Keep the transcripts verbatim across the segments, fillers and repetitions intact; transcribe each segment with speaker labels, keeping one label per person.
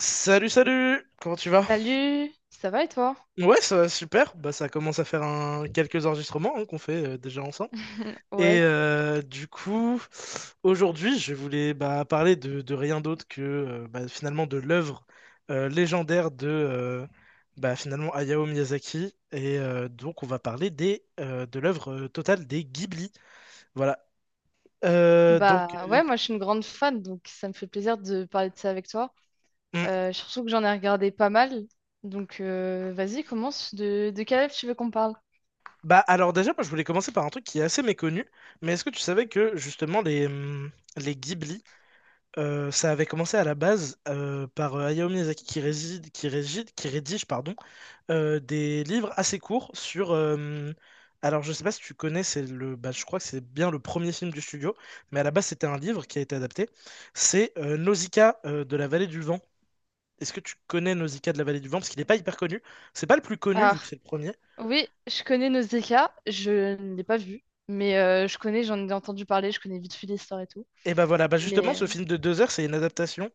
Speaker 1: Salut, salut! Comment tu vas?
Speaker 2: Salut, ça va et toi?
Speaker 1: Ouais, ça va super. Bah, ça commence à faire un... quelques enregistrements hein, qu'on fait euh, déjà ensemble. Et
Speaker 2: Ouais,
Speaker 1: euh, du coup, aujourd'hui, je voulais bah, parler de, de rien d'autre que euh, bah, finalement de l'œuvre euh, légendaire de euh, bah, finalement Hayao Miyazaki. Et euh, donc, on va parler des, euh, de l'œuvre euh, totale des Ghibli. Voilà. Euh, donc,
Speaker 2: bah
Speaker 1: euh,
Speaker 2: ouais, moi je suis une grande fan, donc ça me fait plaisir de parler de ça avec toi.
Speaker 1: hmm.
Speaker 2: Euh, surtout que j'en ai regardé pas mal, donc euh, vas-y, commence. De, de quel rêve tu veux qu'on parle?
Speaker 1: Bah, alors déjà, moi, je voulais commencer par un truc qui est assez méconnu. Mais est-ce que tu savais que justement les, hum, les Ghibli Euh, ça avait commencé à la base euh, par euh, Hayao Miyazaki qui, réside, qui, régide- qui rédige pardon, euh, des livres assez courts sur... euh, Alors je sais pas si tu connais, c'est le, bah, je crois que c'est bien le premier film du studio, mais à la base c'était un livre qui a été adapté. C'est euh, Nausicaa euh, de la vallée du vent. Est-ce que tu connais Nausicaa de la vallée du vent? Parce qu'il n'est pas hyper connu. C'est pas le plus connu vu que
Speaker 2: Alors,
Speaker 1: c'est le premier.
Speaker 2: oui, je connais Nausicaa, je ne l'ai pas vu, mais euh, je connais, j'en ai entendu parler, je connais vite fait l'histoire et tout.
Speaker 1: Et bah voilà, bah justement
Speaker 2: mais
Speaker 1: ce film de deux heures c'est une adaptation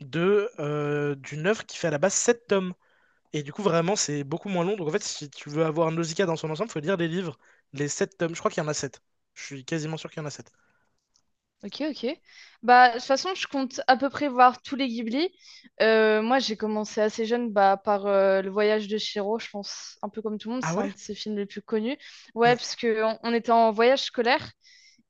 Speaker 1: de, euh, d'une œuvre qui fait à la base sept tomes. Et du coup, vraiment, c'est beaucoup moins long. Donc, en fait, si tu veux avoir Nausicaa dans son ensemble, faut lire les livres, les sept tomes. Je crois qu'il y en a sept. Je suis quasiment sûr qu'il y en a sept.
Speaker 2: Ok, ok. Bah, de toute façon, je compte à peu près voir tous les Ghibli. Euh, moi, j'ai commencé assez jeune bah, par euh, Le Voyage de Chihiro, je pense, un peu comme tout le monde,
Speaker 1: Ah
Speaker 2: c'est un
Speaker 1: ouais?
Speaker 2: de ses films les plus connus. Ouais,
Speaker 1: Mm.
Speaker 2: parce que on, on était en voyage scolaire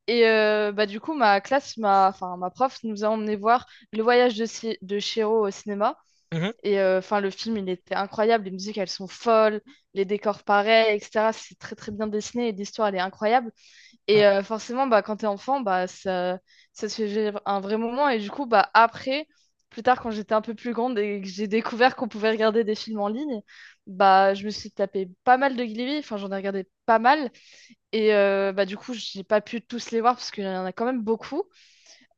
Speaker 2: et euh, bah, du coup, ma classe, ma, enfin, ma prof nous a emmené voir Le Voyage de, Chi- de Chihiro au cinéma.
Speaker 1: Mhm.
Speaker 2: Et euh, enfin, le film, il était incroyable. Les musiques, elles sont folles, les décors pareils, et cetera. C'est très, très bien dessiné et l'histoire, elle est incroyable. Et
Speaker 1: Mm.
Speaker 2: euh, forcément, bah, quand t'es enfant, bah, ça, ça se fait vivre un vrai moment. Et du coup, bah, après, plus tard, quand j'étais un peu plus grande et que j'ai découvert qu'on pouvait regarder des films en ligne, bah, je me suis tapé pas mal de Glee. Enfin, j'en ai regardé pas mal. Et euh, bah, du coup, j'ai pas pu tous les voir parce qu'il y en a quand même beaucoup.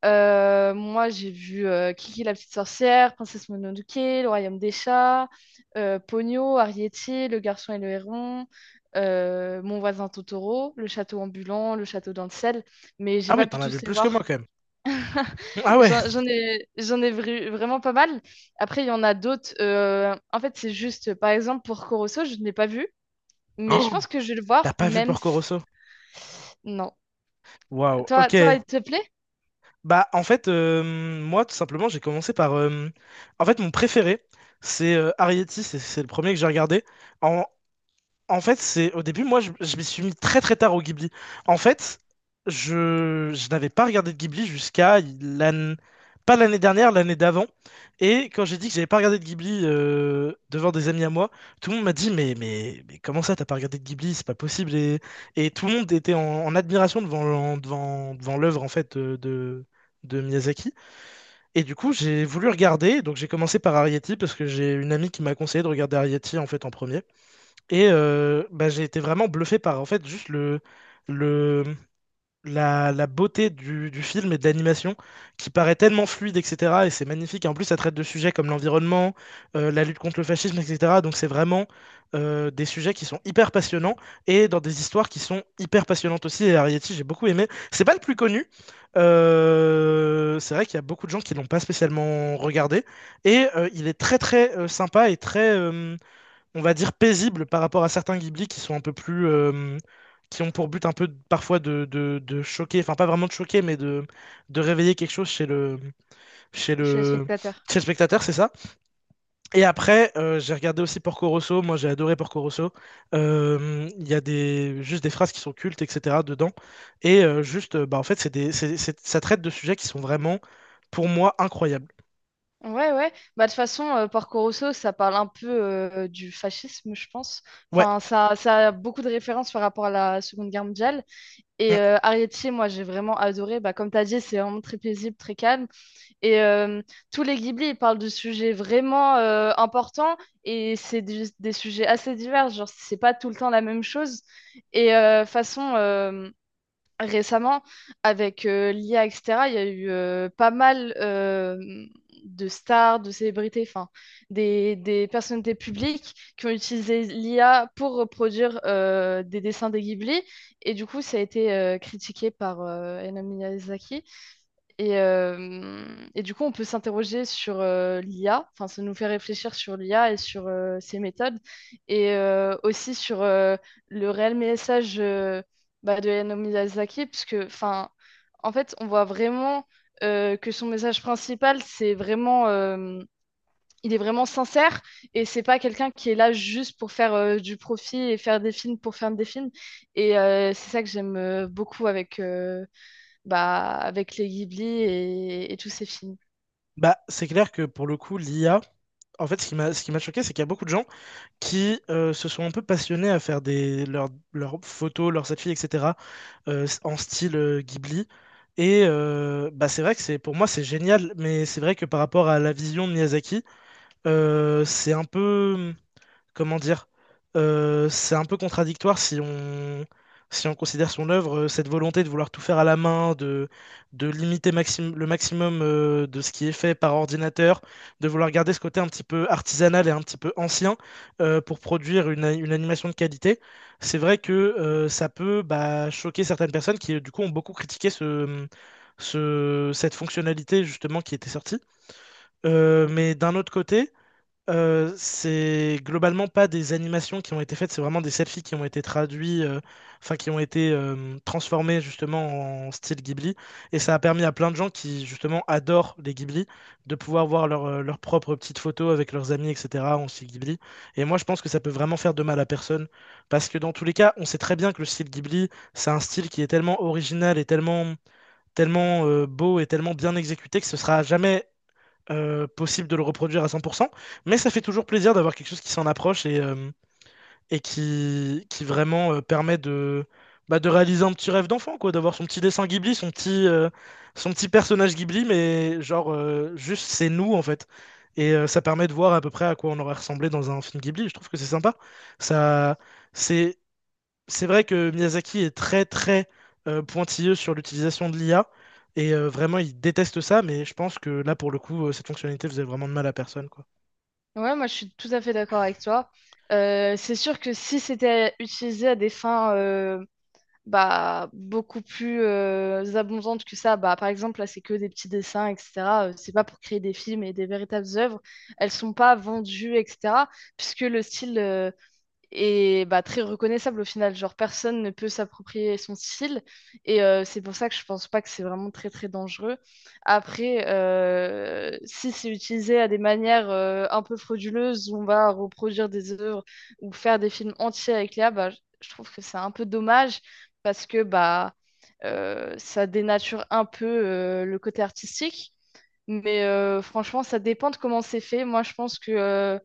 Speaker 2: Euh, moi, j'ai vu euh, Kiki la petite sorcière, Princesse Mononoke, Le Royaume des chats, euh, Ponyo, Arrietty, Le garçon et le héron, euh, Mon voisin Totoro, Le château ambulant, Le château dans le ciel, mais j'ai
Speaker 1: Ah ouais,
Speaker 2: pas pu
Speaker 1: t'en avais
Speaker 2: tous les
Speaker 1: plus que moi
Speaker 2: voir.
Speaker 1: quand même. Mm. Ah ouais?
Speaker 2: J'en j'en ai, j'en ai vru- vraiment pas mal. Après, il y en a d'autres. Euh, en fait, c'est juste, par exemple, pour Corosso, je ne l'ai pas vu, mais je
Speaker 1: Oh,
Speaker 2: pense que je vais le
Speaker 1: t'as
Speaker 2: voir,
Speaker 1: pas vu
Speaker 2: même
Speaker 1: Porco
Speaker 2: si...
Speaker 1: Rosso?
Speaker 2: Non.
Speaker 1: Waouh,
Speaker 2: Toi, toi,
Speaker 1: ok.
Speaker 2: il te plaît?
Speaker 1: Bah, en fait, euh, moi, tout simplement, j'ai commencé par. Euh, En fait, mon préféré, c'est euh, Arrietty, c'est c'est le premier que j'ai regardé. En, En fait, c'est au début, moi, je, je m'y suis mis très très tard au Ghibli. En fait, je, je n'avais pas regardé de Ghibli jusqu'à l'année, pas l'année dernière, l'année d'avant. Et quand j'ai dit que j'avais pas regardé de Ghibli euh, devant des amis à moi, tout le monde m'a dit mais mais mais comment ça, t'as pas regardé de Ghibli, c'est pas possible. Et, et tout le monde était en, en admiration devant l'en- devant devant l'œuvre en fait de, de de Miyazaki. Et du coup, j'ai voulu regarder. Donc j'ai commencé par Arrietty parce que j'ai une amie qui m'a conseillé de regarder Arrietty en fait en premier. Et euh, bah, j'ai été vraiment bluffé par en fait juste le, le, la, la beauté du, du film et de l'animation qui paraît tellement fluide, et cetera. Et c'est magnifique. Et en plus, ça traite de sujets comme l'environnement, euh, la lutte contre le fascisme, et cetera. Donc c'est vraiment euh, des sujets qui sont hyper passionnants et dans des histoires qui sont hyper passionnantes aussi. Et Arrietty, j'ai beaucoup aimé. C'est pas le plus connu. Euh, c'est vrai qu'il y a beaucoup de gens qui l'ont pas spécialement regardé. Et euh, il est très très euh, sympa et très... euh, on va dire, paisible par rapport à certains Ghibli qui sont un peu plus. euh, qui ont pour but un peu parfois de, de- de choquer, enfin pas vraiment de choquer, mais de, de réveiller quelque chose chez le, chez
Speaker 2: Je suis le
Speaker 1: le,
Speaker 2: spectateur.
Speaker 1: chez le spectateur, c'est ça. Et après, euh, j'ai regardé aussi Porco Rosso, moi j'ai adoré Porco Rosso. Euh, Il y a des, juste des phrases qui sont cultes, et cetera dedans. Et euh, juste, euh, bah, en fait, c'est des, c'est- c'est- ça traite de sujets qui sont vraiment, pour moi, incroyables.
Speaker 2: Ouais, ouais. Bah, de toute façon, euh, Porco Rosso, ça parle un peu euh, du fascisme, je pense.
Speaker 1: Ouais.
Speaker 2: Enfin, ça, ça a beaucoup de références par rapport à la Seconde Guerre mondiale. Et
Speaker 1: Mm.
Speaker 2: euh, Arrietty, moi, j'ai vraiment adoré. Bah, comme tu as dit, c'est vraiment très paisible, très calme. Et euh, tous les Ghibli, ils parlent de sujets vraiment euh, importants. Et c'est des, des sujets assez divers. Genre, c'est pas tout le temps la même chose. Et euh, façon. euh, récemment, avec euh, l'I A, et cetera, il y a eu euh, pas mal euh, de stars, de célébrités, enfin, des, des personnalités publiques qui ont utilisé l'I A pour reproduire euh, des dessins des Ghibli. Et du coup, ça a été euh, critiqué par euh, Hayao Miyazaki. Et, euh, et du coup, on peut s'interroger sur euh, l'I A, enfin, ça nous fait réfléchir sur l'I A et sur euh, ses méthodes, et euh, aussi sur euh, le réel message euh, bah, de Hayao Miyazaki, parce que enfin, en fait, on voit vraiment euh, que son message principal, c'est vraiment, euh, il est vraiment sincère, et c'est pas quelqu'un qui est là juste pour faire euh, du profit et faire des films pour faire des films, et euh, c'est ça que j'aime euh, beaucoup avec, euh, bah, avec les Ghibli et, et tous ces films.
Speaker 1: Bah, c'est clair que pour le coup, l'I A, en fait, ce qui m'a, ce qui m'a choqué, c'est qu'il y a beaucoup de gens qui euh, se sont un peu passionnés à faire des, leurs, leurs photos, leurs selfies, et cetera, euh, en style euh, Ghibli. Et euh, bah c'est vrai que c'est pour moi c'est génial, mais c'est vrai que par rapport à la vision de Miyazaki, euh, c'est un peu comment dire, euh, c'est un peu contradictoire si on, si on considère son œuvre, euh, cette volonté de vouloir tout faire à la main, de, de limiter maxim- le maximum euh, de ce qui est fait par ordinateur, de vouloir garder ce côté un petit peu artisanal et un petit peu ancien euh, pour produire une, a- une animation de qualité. C'est vrai que euh, ça peut bah, choquer certaines personnes qui, du coup, ont beaucoup critiqué ce, ce- cette fonctionnalité justement qui était sortie. Euh, mais d'un autre côté, euh, c'est globalement pas des animations qui ont été faites, c'est vraiment des selfies qui ont été traduits, euh, enfin qui ont été euh, transformés justement en style Ghibli. Et ça a permis à plein de gens qui justement adorent les Ghibli de pouvoir voir leur, euh, leurs propres petites photos avec leurs amis, et cetera en style Ghibli. Et moi je pense que ça peut vraiment faire de mal à personne. Parce que dans tous les cas, on sait très bien que le style Ghibli, c'est un style qui est tellement original et tellement, tellement euh, beau et tellement bien exécuté que ce sera jamais euh, possible de le reproduire à cent pour cent, mais ça fait toujours plaisir d'avoir quelque chose qui s'en approche et, euh, et qui, qui vraiment euh, permet de, bah, de réaliser un petit rêve d'enfant, quoi, d'avoir son petit dessin Ghibli, son petit, euh, son petit personnage Ghibli, mais genre, euh, juste c'est nous en fait. Et euh, ça permet de voir à peu près à quoi on aurait ressemblé dans un film Ghibli. Je trouve que c'est sympa. Ça, c'est c'est vrai que Miyazaki est très très euh, pointilleux sur l'utilisation de l'I A et euh, vraiment il déteste ça, mais je pense que là pour le coup, euh, cette fonctionnalité faisait vraiment de mal à personne, quoi.
Speaker 2: Ouais, moi je suis tout à fait d'accord avec toi. Euh, c'est sûr que si c'était utilisé à des fins euh, bah, beaucoup plus euh, abondantes que ça, bah, par exemple, là c'est que des petits dessins, et cetera euh, C'est pas pour créer des films et des véritables œuvres. Elles sont pas vendues, et cetera. Puisque le style. euh, et bah, très reconnaissable au final. Genre, personne ne peut s'approprier son style. Et euh, c'est pour ça que je pense pas que c'est vraiment très, très dangereux. Après, euh, si c'est utilisé à des manières euh, un peu frauduleuses, où on va reproduire des œuvres ou faire des films entiers avec l'I A, bah, je je trouve que c'est un peu dommage parce que bah, euh, ça dénature un peu euh, le côté artistique. Mais euh, franchement, ça dépend de comment c'est fait. Moi, je pense que euh,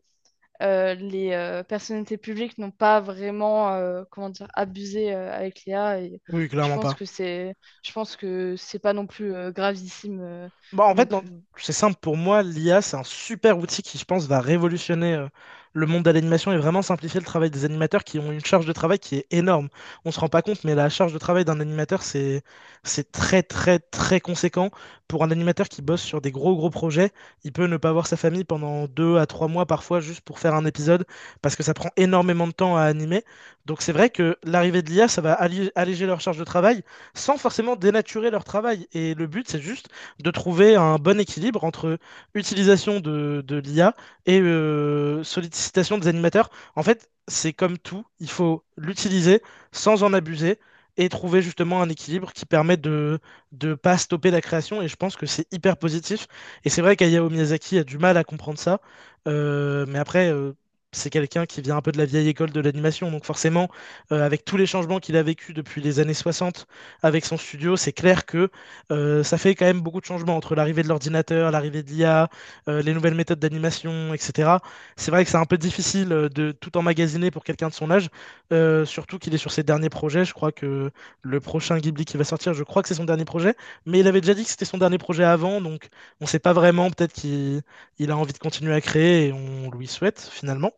Speaker 2: euh, les euh, personnalités publiques n'ont pas vraiment euh, comment dire, abusé euh, avec l'I A. Et
Speaker 1: Oui,
Speaker 2: je
Speaker 1: clairement
Speaker 2: pense
Speaker 1: pas.
Speaker 2: que c'est, je pense que c'est pas non plus euh, gravissime euh,
Speaker 1: Bah, en
Speaker 2: non
Speaker 1: fait, dans-
Speaker 2: plus.
Speaker 1: c'est simple pour moi, l'I A, c'est un super outil qui, je pense, va révolutionner euh, le monde de l'animation et vraiment simplifier le travail des animateurs qui ont une charge de travail qui est énorme. On se rend pas compte, mais la charge de travail d'un animateur, c'est c'est très, très, très conséquent. Pour un animateur qui bosse sur des gros, gros projets, il peut ne pas voir sa famille pendant deux à trois mois parfois juste pour faire un épisode parce que ça prend énormément de temps à animer. Donc c'est vrai que l'arrivée de l'I A, ça va allé- alléger leur charge de travail sans forcément dénaturer leur travail. Et le but, c'est juste de trouver un bon équilibre entre utilisation de, de l'I A et euh, sollicitation des animateurs. En fait, c'est comme tout, il faut l'utiliser sans en abuser et trouver justement un équilibre qui permet de ne pas stopper la création. Et je pense que c'est hyper positif. Et c'est vrai qu'Hayao Miyazaki a du mal à comprendre ça. Euh, mais après, euh, c'est quelqu'un qui vient un peu de la vieille école de l'animation. Donc forcément, euh, avec tous les changements qu'il a vécu depuis les années soixante avec son studio, c'est clair que euh, ça fait quand même beaucoup de changements entre l'arrivée de l'ordinateur, l'arrivée de l'I A, euh, les nouvelles méthodes d'animation, et cetera. C'est vrai que c'est un peu difficile euh, de tout emmagasiner pour quelqu'un de son âge, euh, surtout qu'il est sur ses derniers projets. Je crois que le prochain Ghibli qui va sortir, je crois que c'est son dernier projet, mais il avait déjà dit que c'était son dernier projet avant, donc on ne sait pas vraiment. Peut-être qu'il il a envie de continuer à créer et on lui souhaite finalement.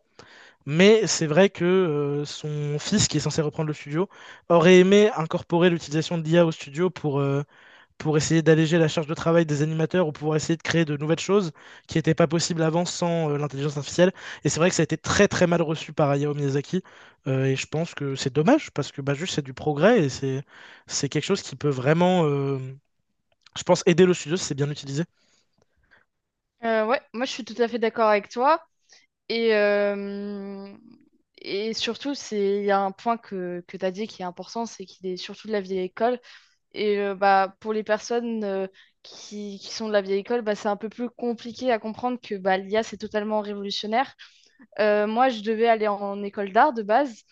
Speaker 1: Mais c'est vrai que euh, son fils, qui est censé reprendre le studio, aurait aimé incorporer l'utilisation de l'I A au studio pour, euh, pour essayer d'alléger la charge de travail des animateurs ou pour essayer de créer de nouvelles choses qui n'étaient pas possibles avant sans euh, l'intelligence artificielle. Et c'est vrai que ça a été très très mal reçu par Hayao Miyazaki. Euh, et je pense que c'est dommage parce que bah, juste c'est du progrès et c'est c'est quelque chose qui peut vraiment, euh, je pense, aider le studio si c'est bien utilisé.
Speaker 2: Euh, ouais, moi je suis tout à fait d'accord avec toi. Et, euh, et surtout, c'est, il y a un point que, que tu as dit qui est important, c'est qu'il est surtout de la vieille école. Et euh, bah, pour les personnes euh, qui, qui sont de la vieille école, bah, c'est un peu plus compliqué à comprendre que bah, l'I A, c'est totalement révolutionnaire. Euh, moi, je devais aller en école d'art de base.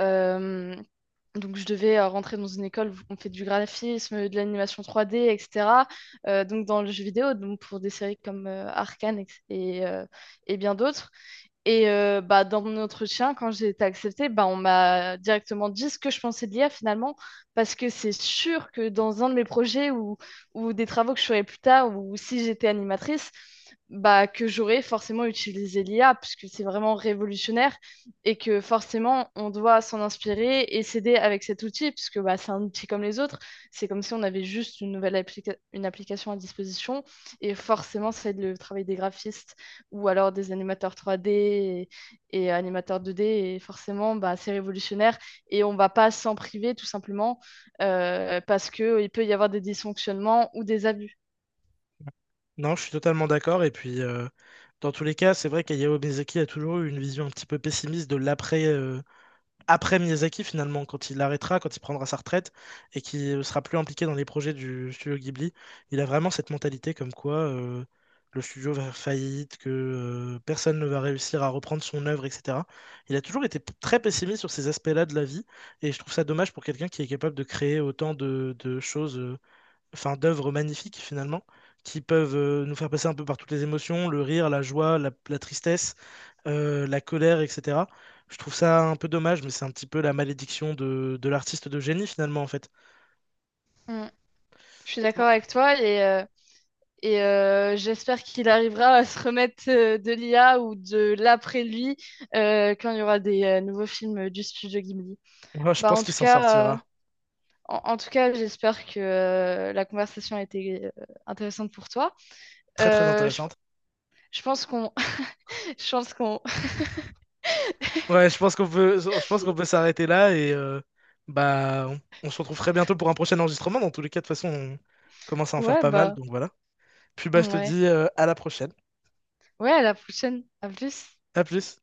Speaker 2: Euh, donc, je devais euh, rentrer dans une école où on fait du graphisme, de l'animation trois D, et cetera. Euh, donc, dans le jeu vidéo, donc pour des séries comme euh, Arcane et, et, euh, et bien d'autres. Et euh, bah, dans mon entretien, quand j'ai été acceptée, bah, on m'a directement dit ce que je pensais de l'I A finalement, parce que c'est sûr que dans un de mes projets ou, ou des travaux que je ferais plus tard, ou si j'étais animatrice, bah, que j'aurais forcément utilisé l'I A, puisque c'est vraiment révolutionnaire et que forcément on doit s'en inspirer et s'aider avec cet outil, puisque bah, c'est un outil comme les autres. C'est comme si on avait juste une nouvelle applica- une application à disposition et forcément ça aide le travail des graphistes ou alors des animateurs trois D et, et animateurs deux D. Et forcément, bah, c'est révolutionnaire et on ne va pas s'en priver tout simplement euh, parce qu'il peut y avoir des dysfonctionnements ou des abus.
Speaker 1: Non, je suis totalement d'accord. Et puis, euh, dans tous les cas, c'est vrai qu'Hayao Miyazaki a toujours eu une vision un petit peu pessimiste de l'après euh, après Miyazaki, finalement, quand il arrêtera, quand il prendra sa retraite et qu'il ne sera plus impliqué dans les projets du studio Ghibli. Il a vraiment cette mentalité comme quoi euh, le studio va faire faillite, que euh, personne ne va réussir à reprendre son œuvre, et cetera. Il a toujours été p- très pessimiste sur ces aspects-là de la vie. Et je trouve ça dommage pour quelqu'un qui est capable de créer autant de, de choses euh, enfin, d'œuvres magnifiques finalement, qui peuvent euh, nous faire passer un peu par toutes les émotions, le rire, la joie, la, la tristesse, euh, la colère, et cetera. Je trouve ça un peu dommage, mais c'est un petit peu la malédiction de, de l'artiste de génie finalement en fait.
Speaker 2: Mm. Je suis d'accord avec toi et, euh, et euh, j'espère qu'il arrivera à se remettre euh, de l'I A ou de l'après lui euh, quand il y aura des euh, nouveaux films du studio Ghibli.
Speaker 1: Moi, je
Speaker 2: Bah,
Speaker 1: pense
Speaker 2: en
Speaker 1: qu'il
Speaker 2: tout
Speaker 1: s'en
Speaker 2: cas, Euh...
Speaker 1: sortira.
Speaker 2: en, en, tout cas, j'espère que euh, la conversation a été euh, intéressante pour toi.
Speaker 1: Très très
Speaker 2: Euh, je,
Speaker 1: intéressante.
Speaker 2: je, pense qu'on Je pense qu'on...
Speaker 1: Ouais, je pense qu'on peut, je pense qu'on peut s'arrêter là et euh, bah on, on se retrouve très bientôt pour un prochain enregistrement. Dans tous les cas, de toute façon, on commence à en faire
Speaker 2: Ouais,
Speaker 1: pas mal,
Speaker 2: bah...
Speaker 1: donc voilà. Puis bah je te
Speaker 2: Ouais.
Speaker 1: dis euh, à la prochaine.
Speaker 2: Ouais, à la prochaine. À plus.
Speaker 1: À plus.